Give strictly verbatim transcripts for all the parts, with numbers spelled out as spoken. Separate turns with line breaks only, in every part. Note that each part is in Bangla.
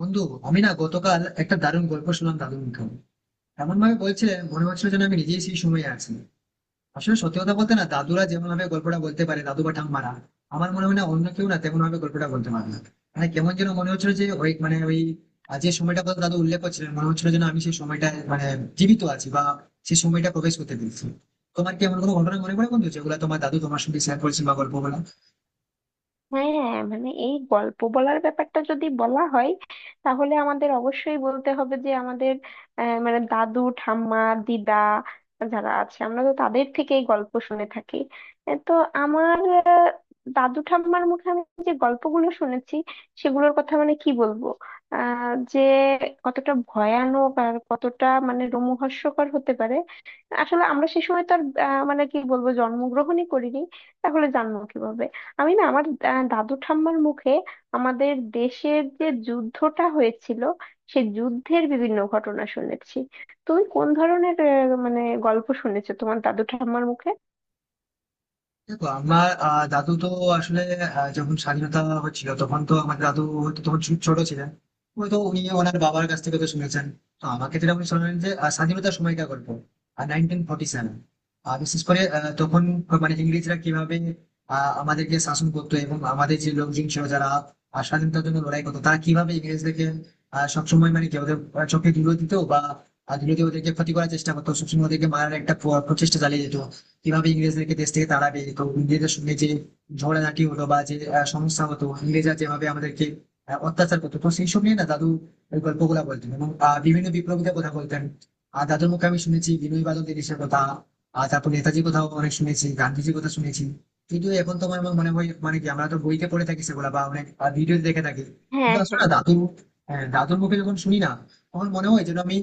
বন্ধু, আমি না গতকাল একটা দারুণ গল্প শুনলাম দাদুর মুখে। এমন ভাবে বলছিলেন মনে হচ্ছিল যেন আমি নিজেই সেই সময়ে আছি। আসলে সত্যি কথা বলতে না দাদুরা যেমন ভাবে গল্পটা বলতে পারে, দাদু বা ঠাম্মারা, আমার মনে হয় না অন্য কেউ না তেমন ভাবে গল্পটা বলতে পারে না। মানে কেমন যেন মনে হচ্ছিল যে ওই মানে ওই আহ, যে সময়টা কথা দাদু উল্লেখ করছিলেন মনে হচ্ছিল যেন আমি সেই সময়টা মানে জীবিত আছি বা সেই সময়টা প্রবেশ করতে পেরেছি। তোমার কি এমন কোনো ঘটনা মনে পড়ে বন্ধু, যেগুলো তোমার দাদু তোমার সঙ্গে শেয়ার করেছেন বা গল্প বলা?
হ্যাঁ হ্যাঁ, মানে এই গল্প বলার ব্যাপারটা যদি বলা হয়, তাহলে আমাদের অবশ্যই বলতে হবে যে আমাদের আহ, মানে দাদু ঠাম্মা, দিদা, যারা আছে, আমরা তো তাদের থেকেই গল্প শুনে থাকি। এ তো আমার, আহ, দাদু ঠাম্মার মুখে আমি যে গল্পগুলো শুনেছি, সেগুলোর কথা মানে কি বলবো, আহ যে কতটা ভয়ানক আর কতটা মানে রোমহর্ষকর হতে পারে। আসলে আমরা সে সময় তো আর, আহ, মানে কি বলবো, জন্মগ্রহণই করিনি, তাহলে জানবো কিভাবে। আমি না আমার, আহ, দাদু ঠাম্মার মুখে আমাদের দেশের যে যুদ্ধটা হয়েছিল, সে যুদ্ধের বিভিন্ন ঘটনা শুনেছি। তুমি কোন ধরনের আহ, মানে গল্প শুনেছো তোমার দাদু ঠাম্মার মুখে?
দেখো আমার আহ, দাদু তো আসলে আহ, যখন স্বাধীনতা হচ্ছিল তখন তো আমার দাদু হয়তো তখন ছো- ছোট ছিলেন। হয়তো উনি ওনার বাবার কাছ থেকে তো শুনেছেন। তো আমাকে যেটা উনি শোনালেন, যে আহ, স্বাধীনতার সময়কার গল্প, নাইনটিন ফর্টি সেভেন। বিশেষ করে আহ, তখন মানে ইংরেজরা কিভাবে আহ, আমাদেরকে শাসন করতো, এবং আমাদের যে লোকজন ছিল যারা আহ, স্বাধীনতার জন্য লড়াই করতো, তারা কিভাবে ইংরেজদেরকে আহ, সবসময় মানে কি ওদের আহ, চোখে ধুলো দিত, বা আহ, ধুলো দিয়ে ওদেরকে ক্ষতি করার চেষ্টা করতো, সবসময় ওদেরকে মারার একটা প্র- প্রচেষ্টা চালিয়ে যেত কিভাবে ইংরেজদেরকে দেশ থেকে তাড়াবে। তো ইংরেজের সঙ্গে যে ঝগড়াঝাটি হলো, বা যে আহ, সমস্যা হতো, ইংরেজরা যেভাবে আমাদেরকে আহ, অত্যাচার করতো, তো সেই সব নিয়ে না দাদু ওই গল্পগুলা বলতেন, এবং আহ, বিভিন্ন বিপ্লবীদের কথা বলতেন। আর দাদুর মুখে আমি শুনেছি বিনয় বাদল দেশের কথা, আর তারপর নেতাজির কথাও অনেক শুনেছি, গান্ধীজির কথা শুনেছি। কিন্তু এখন তোমার আমার আমার মনে হয় মানে কি আমরা তো বইতে পড়ে থাকি সেগুলা, বা অনেক ভিডিও দেখে থাকি, কিন্তু
হ্যাঁ
আসলে
হ্যাঁ।
না দাদু, হ্যাঁ, দাদুর মুখে যখন শুনি না তখন মনে হয় যেন আমি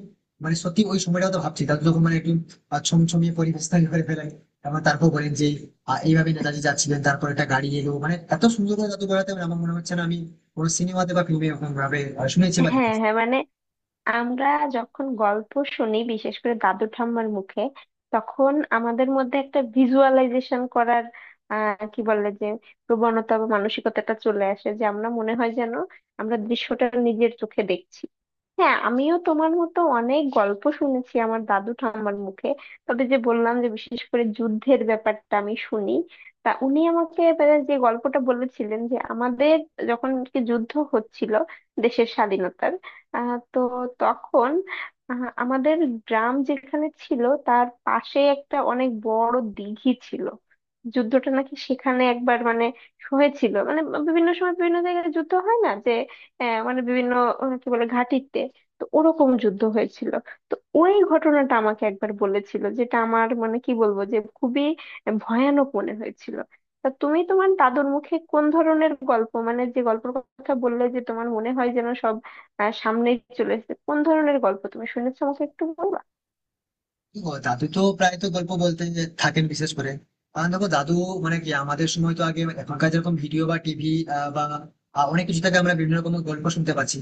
মানে সত্যি ওই সময়টা তো ভাবছি। দাদু যখন মানে একটু আহ, ছমছমিয়ে পরিবেশ তৈরি করে ফেলেন, এবং তারপর বলেন যে আহ, এইভাবে নেতাজি যাচ্ছিলেন, তারপর একটা গাড়ি এলো, মানে এত সুন্দর করে জাদু করাতে আমার মনে হচ্ছে না আমি কোনো সিনেমাতে বা ফিল্মে এরকম ভাবে আহ, শুনেছি বা
হ্যাঁ
দেখেছি।
হ্যাঁ, মানে আমরা যখন গল্প শুনি, বিশেষ করে দাদু ঠাম্মার মুখে, তখন আমাদের মধ্যে একটা ভিজুয়ালাইজেশন করার আহ কি বলে, যে প্রবণতা বা মানসিকতাটা চলে আসে, যে আমরা মনে হয় যেন আমরা দৃশ্যটা নিজের চোখে দেখছি। হ্যাঁ, আমিও তোমার মতো অনেক গল্প শুনেছি আমার দাদু ঠাম্মার মুখে। তবে যে বললাম, যে বিশেষ করে যুদ্ধের ব্যাপারটা আমি শুনি, তা উনি আমাকে এবারে যে গল্পটা বলেছিলেন যে আমাদের যখন কি যুদ্ধ হচ্ছিল, দেশের স্বাধীনতার, আহ তো তখন আহ, আমাদের গ্রাম যেখানে ছিল, তার পাশে একটা অনেক বড় দিঘি ছিল। যুদ্ধটা নাকি সেখানে একবার মানে হয়েছিল, মানে বিভিন্ন সময় বিভিন্ন জায়গায় যুদ্ধ হয় না, যে আহ, মানে বিভিন্ন আহ, কি বলে ঘাঁটিতে, তো ওরকম যুদ্ধ হয়েছিল। তো ওই ঘটনাটা আমাকে একবার বলেছিল, যেটা আমার মানে কি বলবো, যে খুবই ভয়ানক মনে হয়েছিল। তা তুমি তোমার দাদুর মুখে কোন ধরনের গল্প, মানে যে গল্পের কথা বললে যে তোমার মনে হয় যেন সব আহ সামনেই চলে এসেছে, কোন ধরনের গল্প তুমি শুনেছো, আমাকে একটু বলবা?
ও দাদু তো প্রায় তো গল্প বলতে থাকেন, বিশেষ করে কারণ দেখো দাদু মানে কি আমাদের সময় তো আগে এখনকার যেরকম ভিডিও বা টিভি বা আহ, অনেক কিছু থেকে আমরা বিভিন্ন রকম গল্প শুনতে পাচ্ছি।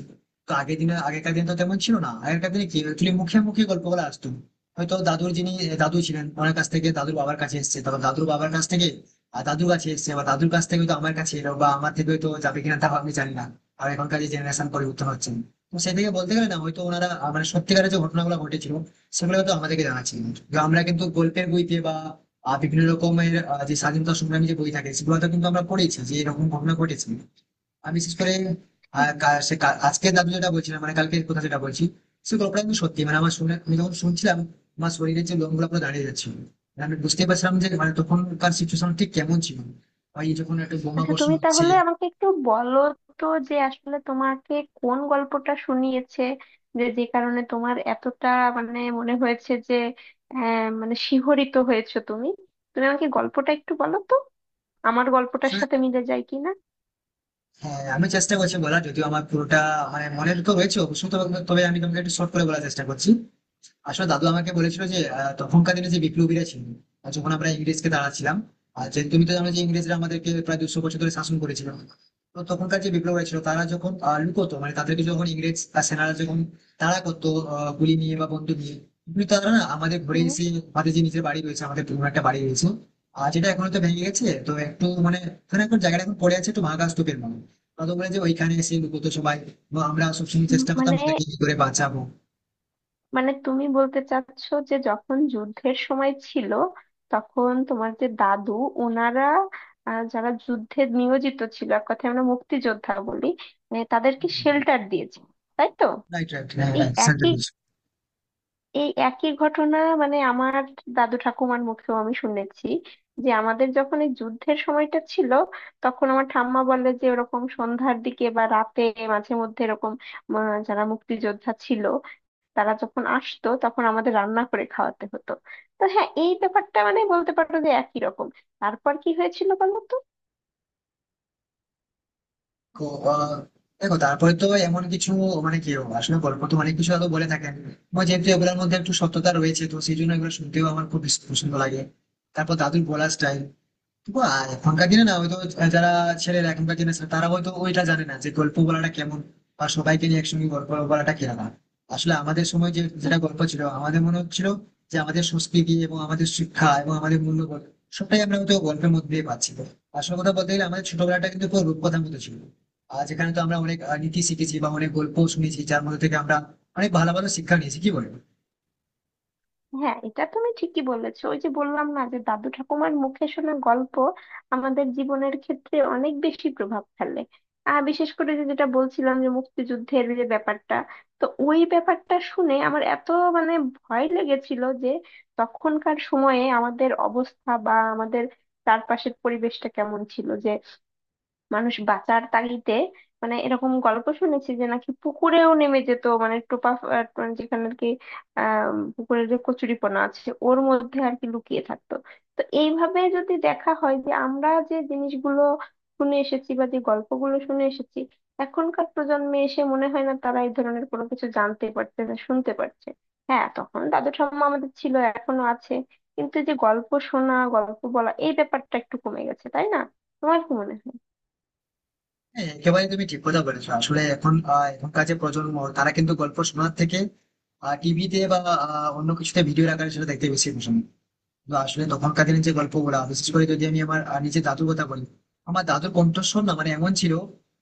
তো আগের দিনে, আগেকার দিন তো তেমন ছিল না, আগেকার দিনে কি অ্যাকচুয়ালি মুখে মুখে গল্পগুলো আসতো। হয়তো দাদুর যিনি আহ, দাদু ছিলেন ওনার কাছ থেকে দাদুর বাবার কাছে এসেছে, তারপর দাদুর বাবার কাছ থেকে আর দাদুর কাছে এসেছে, বা দাদুর কাছ থেকে তো আমার কাছে এলো, বা আমার থেকে তো যাবে কিনা তাও আমি জানি না। আর এখনকার যে জেনারেশন পরিবর্তন হচ্ছে, তো সেই থেকে বলতে গেলে না হয়তো ওনারা আহ, মানে সত্যিকারের যে ঘটনাগুলো ঘটেছিল সেগুলো তো আমাদেরকে জানাচ্ছে, কিন্তু আমরা কিন্তু গল্পের বইতে বা আহ, বিভিন্ন রকমের আহ, যে স্বাধীনতা সংগ্রামী যে বই থাকে সেগুলোতে কিন্তু আমরা পড়েছি যে এরকম ঘটনা ঘটেছে। আমি বিশেষ করে
হুম।
আহ, কা- সে কা- আজকের দাদু যেটা বলছিলাম মানে কালকের কথা যেটা বলছি, সে গল্পটা কিন্তু সত্যি, মানে আমার শুনে আমি যখন শুনছিলাম, আমার শরীরের যে লোমগুলো পুরো দাঁড়িয়ে যাচ্ছিল। মানে আমি বুঝতে পারছিলাম যে মানে তখনকার সিচুয়েশন ঠিক কেমন ছিল, ওই যখন একটা বোমা
আচ্ছা,
বর্ষণ
তুমি
হচ্ছে।
তাহলে আমাকে একটু বলো তো, যে আসলে তোমাকে কোন গল্পটা শুনিয়েছে, যে যে কারণে তোমার এতটা মানে মনে হয়েছে যে, আহ মানে শিহরিত হয়েছো তুমি। তুমি আমাকে গল্পটা একটু বলো তো আমার গল্পটার
আসলে,
সাথে মিলে যায় কিনা।
হ্যাঁ আমি চেষ্টা করছি বলার, যদিও আমার পুরোটা মানে মনে তো রয়েছে অবশ্যই, তবে তবে আমি তোমাকে একটু শর্ট করে বলার চেষ্টা করছি। আসলে দাদু আমাকে বলেছিল যে আহ, তখনকার দিনে যে বিপ্লবীরা ছিল, আহ, যখন আমরা ইংরেজকে দাঁড়াচ্ছিলাম, আর যে তুমি তো জানো যে ইংরেজরা আমাদেরকে প্রায় দুশো বছর ধরে শাসন করেছিল। তো তখনকার যে বিপ্লবীরা ছিল তারা যখন আহ, লুকোতো, মানে তাদেরকে যখন ইংরেজ আহ, সেনারা যখন তারা করতো আহ, গুলি নিয়ে বা বন্দুক নিয়ে, কিন্তু তারা না আমাদের ঘরে
হুম।
এসে, আমাদের যে নিজের বাড়ি রয়েছে, আমাদের পুরনো একটা বাড়ি রয়েছে, আর যেটা এখন তো ভেঙে গেছে, তো একটু মানে ওখানে এখন জায়গাটা এখন পড়ে আছে একটু ভাঙা স্তূপের মতো, তাদের বলে যে ওইখানে এসে লুকোতো সবাই। এবং আমরা সবসময়
উম,
চেষ্টা করতাম
মানে,
ওদেরকে কি করে বাঁচাবো।
মানে তুমি বলতে চাচ্ছো যে যখন যুদ্ধের সময় ছিল, তখন তোমার যে দাদু, ওনারা, আহ, যারা যুদ্ধে নিয়োজিত ছিল, এক কথায় আমরা মুক্তিযোদ্ধা বলি, মানে তাদেরকে শেল্টার দিয়েছে, তাই তো?
রাইট, রাইট, হ্যাঁ,
এই
হ্যাঁ, সেন্ট
একই,
লুইস।
এই একই ঘটনা মানে আমার দাদু ঠাকুমার মুখেও আমি শুনেছি, যে আমাদের যখন এই যুদ্ধের সময়টা ছিল, তখন আমার ঠাম্মা বলে যে ওরকম সন্ধ্যার দিকে বা রাতে মাঝে মধ্যে এরকম আহ, যারা মুক্তিযোদ্ধা ছিল, তারা যখন আসতো তখন আমাদের রান্না করে খাওয়াতে হতো। তো হ্যাঁ, এই ব্যাপারটা মানে বলতে পারো যে একই রকম। তারপর কি হয়েছিল বলো তো?
তো আহ, দেখো তারপরে তো এমন কিছু মানে কি আসলে গল্প তো অনেক কিছু হয়তো বলে থাকেন, এবং যেহেতু এগুলোর মধ্যে একটু সত্যতা রয়েছে তো সেই জন্য এগুলো শুনতেও আমার খুব বেশ পছন্দ লাগে। তারপর দাদুর বলার স্টাইল, তবু আর এখনকার দিনে না হয়তো যারা ছেলেরা এখনকার দিনে ছেলে, তারা হয়তো ওইটা জানে না যে গল্প বলাটা কেমন, বা সবাইকে নিয়ে একসঙ্গে গল্প বলাটা কেমন। আসলে আমাদের সময় যে
উম,
যেটা গল্প ছিল, আমাদের মনে হচ্ছিল যে আমাদের সংস্কৃতি এবং আমাদের শিক্ষা এবং আমাদের মূল্যবোধ সবটাই আমরা হয়তো গল্পের মধ্যে দিয়ে পাচ্ছি। আসল কথা বলতে গেলে আমাদের ছোটবেলাটা কিন্তু পুরো রূপকথার মতো ছিল, আর যেখানে তো আমরা অনেক আহ, নীতি শিখেছি বা অনেক গল্প শুনেছি, যার মধ্যে থেকে আমরা অনেক ভালো ভালো শিক্ষা নিয়েছি, কি বলেন?
হ্যাঁ, এটা তুমি ঠিকই বলেছো। ওই যে বললাম না, যে দাদু ঠাকুমার মুখে শোনা গল্প আমাদের জীবনের ক্ষেত্রে অনেক বেশি প্রভাব ফেলে। আর বিশেষ করে যে যেটা বলছিলাম, যে মুক্তিযুদ্ধের যে ব্যাপারটা, তো ওই ব্যাপারটা শুনে আমার এত মানে ভয় লেগেছিল যে, তখনকার সময়ে আমাদের অবস্থা বা আমাদের চারপাশের পরিবেশটা কেমন ছিল যে মানুষ বাঁচার তাগিদে, মানে এরকম গল্প শুনেছি যে নাকি পুকুরেও নেমে যেত, মানে টোপা আহ, মানে যেখানে আর কি, আহ পুকুরের যে কচুরিপানা আছে ওর মধ্যে আর কি লুকিয়ে থাকতো। তো এইভাবে যদি দেখা হয়, যে আমরা যে জিনিসগুলো শুনে এসেছি বা যে গল্পগুলো শুনে এসেছি, এখনকার প্রজন্মে এসে মনে হয় না তারা এই ধরনের কোনো কিছু জানতে পারছে না শুনতে পারছে। হ্যাঁ, তখন দাদু ঠাম্মা আমাদের ছিল, এখনো আছে, কিন্তু এই যে গল্প শোনা, গল্প বলা, এই ব্যাপারটা একটু কমে গেছে, তাই না? তোমার কি মনে হয়?
হ্যাঁ একেবারে তুমি ঠিক কথা বলেছো। আসলে এখন আহ, এখনকার যে প্রজন্ম, তারা কিন্তু গল্প শোনার থেকে টিভিতে বা আহ, অন্য কিছুতে ভিডিও আকারে সেটা দেখতে বেশি পছন্দ। তো আসলে তখনকার দিনের যে গল্পগুলা, বিশেষ করে যদি আমি আমার আহ, নিজের দাদুর কথা বলি, আমার দাদুর কণ্ঠস্বর না মানে এমন ছিল,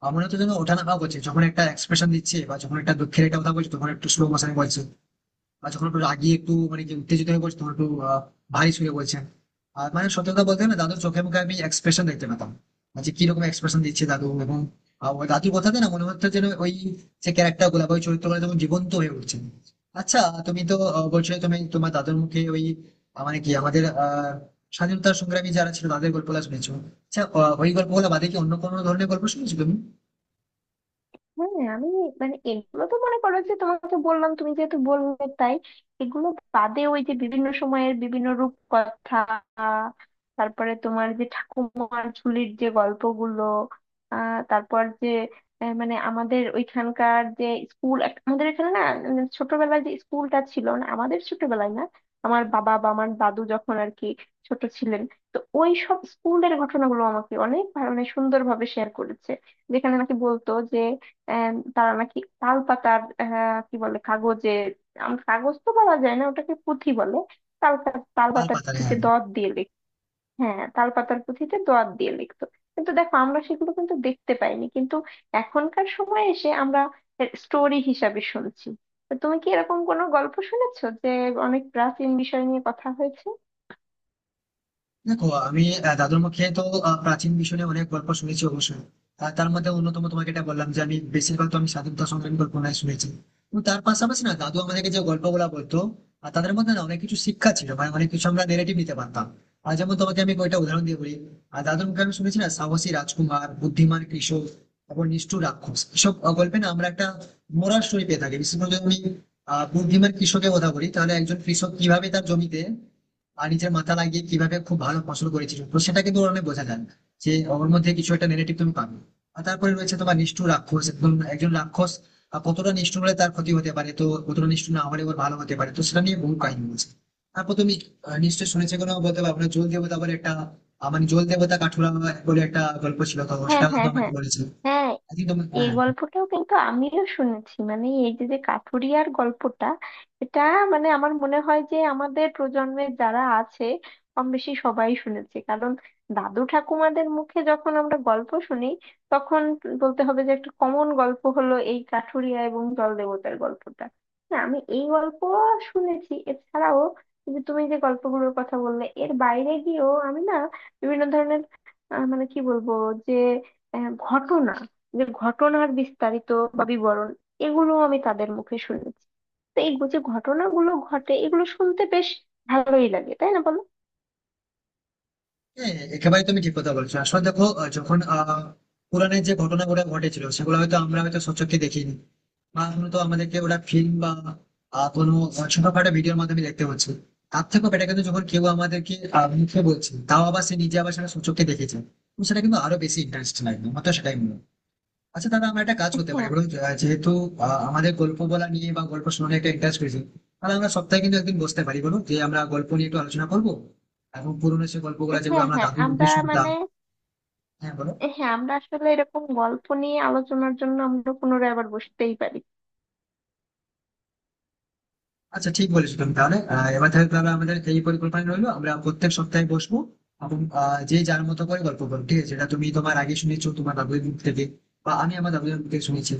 আমার তো যেন ওঠা নামা করছে। যখন একটা এক্সপ্রেশন দিচ্ছে, বা যখন একটা দুঃখের একটা কথা বলছে তখন একটু স্লো মোশনে বলছে, বা যখন একটু রাগিয়ে একটু মানে কি উত্তেজিত হয়ে পড়ছে তখন একটু আহ, ভারী সুরে বলছেন। আর মানে সত্যি কথা বলতে না দাদুর চোখে মুখে আমি এক্সপ্রেশন দেখতে পেতাম, আর যে কিরকম এক্সপ্রেশন দিচ্ছে দাদু, এবং আহ, ওই দাদুর কথাতে না মনে হচ্ছে যেন ওই যে ক্যারেক্টার গুলা বা ওই চরিত্রগুলো যখন জীবন্ত হয়ে উঠছে। আচ্ছা, তুমি তো আহ, বলছিলে তুমি তোমার দাদুর মুখে ওই আহ, মানে কি আমাদের আহ স্বাধীনতা সংগ্রামী যারা ছিল তাদের গল্পগুলো শুনেছো। আচ্ছা আহ, ওই গল্পগুলো বাদে কি অন্য কোনো ধরনের গল্প শুনেছো তুমি?
হ্যাঁ, আমি মানে এগুলো তো মনে করো যে তোমাকে বললাম, তুমি যেহেতু বললে তাই। এগুলো বাদে ওই যে বিভিন্ন সময়ের বিভিন্ন রূপকথা, তারপরে তোমার যে ঠাকুমার ঝুলির যে গল্পগুলো, আহ তারপর যে আহ, মানে আমাদের ওইখানকার যে স্কুল, আমাদের এখানে না, উম, ছোটবেলায় যে স্কুলটা ছিল না আমাদের, ছোটবেলায় না আমার বাবা বা আমার দাদু যখন আর কি ছোট ছিলেন, তো ওই সব স্কুলের ঘটনাগুলো আমাকে অনেক ভালো মানে সুন্দরভাবে শেয়ার করেছে। যেখানে নাকি বলতো যে, আহ, তারা নাকি তাল পাতার, আহ, কি বলে কাগজে, আম- কাগজ তো বলা যায় না, ওটাকে পুঁথি বলে। তাল পা- তাল
তাল
পাতার
পাতালে,
পুঁথিতে
হ্যাঁ।
দত দিয়ে লিখ। হ্যাঁ, তাল পাতার পুঁথিতে দত দিয়ে লিখতো। কিন্তু দেখো আমরা সেগুলো কিন্তু দেখতে পাইনি, কিন্তু এখনকার সময়ে এসে আমরা স্টোরি হিসাবে শুনছি। তো তুমি কি এরকম কোনো গল্প শুনেছো যে অনেক প্রাচীন বিষয় নিয়ে কথা হয়েছে?
দেখো আমি আহ, দাদুর মুখে তো আহ, প্রাচীন বিষয় নিয়ে অনেক গল্প শুনেছি অবশ্যই। আর তার মধ্যে অন্যতম তোমাকে এটা বললাম যে আমি বেশিরভাগ তো আমি স্বাধীনতা সংগ্রামী গল্পনায় শুনেছি, এবং তার পাশাপাশি না দাদু আমাদেরকে যে গল্পগুলা বলতো, আর তাদের মধ্যে না অনেক কিছু শিক্ষা ছিল, মানে অনেক কিছু আমরা নেগেটিভ নিতে পারতাম। আর যেমন তোমাকে আমি কয়েকটা উদাহরণ দিয়ে বলি, আর দাদুর মুখে আমি শুনেছি না সাহসী রাজকুমার, বুদ্ধিমান কৃষক এবং নিষ্ঠুর রাক্ষস, এসব আহ, গল্পে না আমরা একটা মোরাল স্টোরি পেয়ে থাকি। বিশেষ করে যদি আমি আহ বুদ্ধিমান কৃষকের কথা বলি, তাহলে একজন কৃষক কিভাবে তার জমিতে আর নিজের মাথা লাগিয়ে কিভাবে খুব ভালো ফসল করেছিল, তো সেটা কিন্তু ওর অনেক বোঝা যায় যে ওর মধ্যে কিছু একটা নেগেটিভ তুমি পাবে। আর তারপরে রয়েছে তোমার নিষ্ঠুর রাক্ষস, একদম একজন রাক্ষস আহ, কতটা নিষ্ঠুর হলে তার ক্ষতি হতে পারে, তো কতটা নিষ্ঠুর না হলে ওর ভালো হতে পারে, তো সেটা নিয়ে বহু কাহিনী বলছে। তারপর তুমি আহ, নিশ্চয়ই শুনেছে কোনো বলতে পারবো না, জল দেবতা বলে একটা, আহ, মানে জল দেবতা কাঠুরা বলে একটা গল্প ছিল, তো
হ্যাঁ
সেটা তো
হ্যাঁ
আমাকে
হ্যাঁ।
বলেছে।
হ্যাঁ,
আই থিঙ্ক তোমার,
এই
হ্যাঁ।
গল্পটাও কিন্তু আমিও শুনেছি, মানে এই যে যে কাঠুরিয়ার গল্পটা, এটা মানে আমার মনে হয় যে আমাদের প্রজন্মের যারা আছে কম বেশি সবাই শুনেছে, কারণ দাদু ঠাকুমাদের মুখে যখন আমরা গল্প শুনি, তখন বলতে হবে যে একটা কমন গল্প হলো এই কাঠুরিয়া এবং জল দেবতার গল্পটা। না, আমি এই গল্প শুনেছি। এছাড়াও এই যে তুমি যে গল্পগুলোর কথা বললে, এর বাইরে গিয়েও আমি না বিভিন্ন ধরনের, আহ, মানে কি বলবো, যে আহ, ঘটনা, যে ঘটনার বিস্তারিত বা বিবরণ, এগুলো আমি তাদের মুখে শুনেছি। তো এই যে ঘটনাগুলো ঘটে, এগুলো শুনতে বেশ ভালোই লাগে, তাই না বলো?
হ্যাঁ একেবারে তুমি ঠিক কথা বলছো। আসলে দেখো আহ, যখন আহ পুরাণের যে ঘটনাগুলো ঘটেছিল সেগুলো হয়তো আমরা হয়তো সচক্ষে দেখিনি, বা হয়তো আমাদেরকে ওটা ফিল্ম বা আহ, কোনো ছোটখাটো ভিডিওর মাধ্যমে দেখতে হচ্ছে। তার থেকেও বেটার কিন্তু যখন কেউ আমাদেরকে আহ, মুখে বলছে, তাও আবার সে নিজে আবার সেটা সচক্ষে দেখেছে, তো সেটা কিন্তু আরো বেশি ইন্টারেস্ট লাগবে, আমার তো সেটাই মনে হয়। আচ্ছা দাদা, আমরা একটা কাজ করতে পারি
হ্যাঁ
বলুন তো, আহ, যেহেতু আহ, আমাদের গল্প বলা নিয়ে বা গল্প শোনা একটা ইন্টারেস্ট রয়েছে, তাহলে আমরা সপ্তাহে কিন্তু একদিন বসতে পারি, বলুন, যে আমরা গল্প নিয়ে একটু আলোচনা করবো, এবং পুরোনো সে গল্পগুলো যেগুলো
হ্যাঁ
আমরা
হ্যাঁ।
দাদু মুখে
আমরা
শুনতাম।
মানে,
হ্যাঁ বলো।
হ্যাঁ আমরা আসলে এরকম গল্প নিয়ে আলোচনার জন্য আমরা পুনরায় আবার বসতেই পারি।
আচ্ছা ঠিক বলেছো তুমি। তাহলে আহ, এবার তাহলে তাহলে আমাদের এই পরিকল্পনা রইলো, আমরা প্রত্যেক সপ্তাহে বসবো, এবং আহ, যে যার মতো করে গল্প করবো, ঠিক আছে? এটা তুমি তোমার আগে শুনেছো তোমার দাদুর মুখ থেকে, বা আমি আমার দাদুর মুখ থেকে শুনেছি।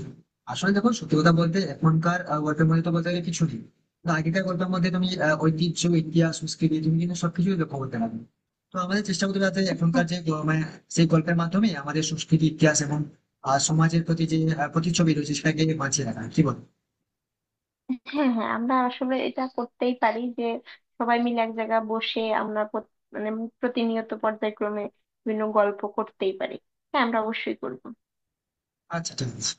আসলে দেখো, সত্যি কথা বলতে এখনকার আহ, গল্পের মধ্যে তো বলতে গেলে কিছু নেই, কিন্তু আগেকার গল্পের মধ্যে তুমি আহ, ঐতিহ্য, ইতিহাস, সংস্কৃতি, তুমি কিন্তু সবকিছুই লক্ষ্য করতে পারবে। তো আমাদের চেষ্টা করতে হবে যাতে
হ্যাঁ
এখনকার যে গ- মানে সেই গল্পের মাধ্যমে আমাদের সংস্কৃতি, ইতিহাস এবং আহ, সমাজের প্রতি যে আহ, প্রতিচ্ছবি রয়েছে সেটাকে বাঁচিয়ে রাখা, কি বল?
হ্যাঁ। হ্যাঁ, আমরা আসলে এটা করতেই পারি যে সবাই মিলে এক জায়গায় বসে আমরা প্রত- মানে প্রতিনিয়ত পর্যায়ক্রমে বিভিন্ন গল্প করতেই পারি। হ্যাঁ, আমরা অবশ্যই করবো।
আচ্ছা ঠিক আছে।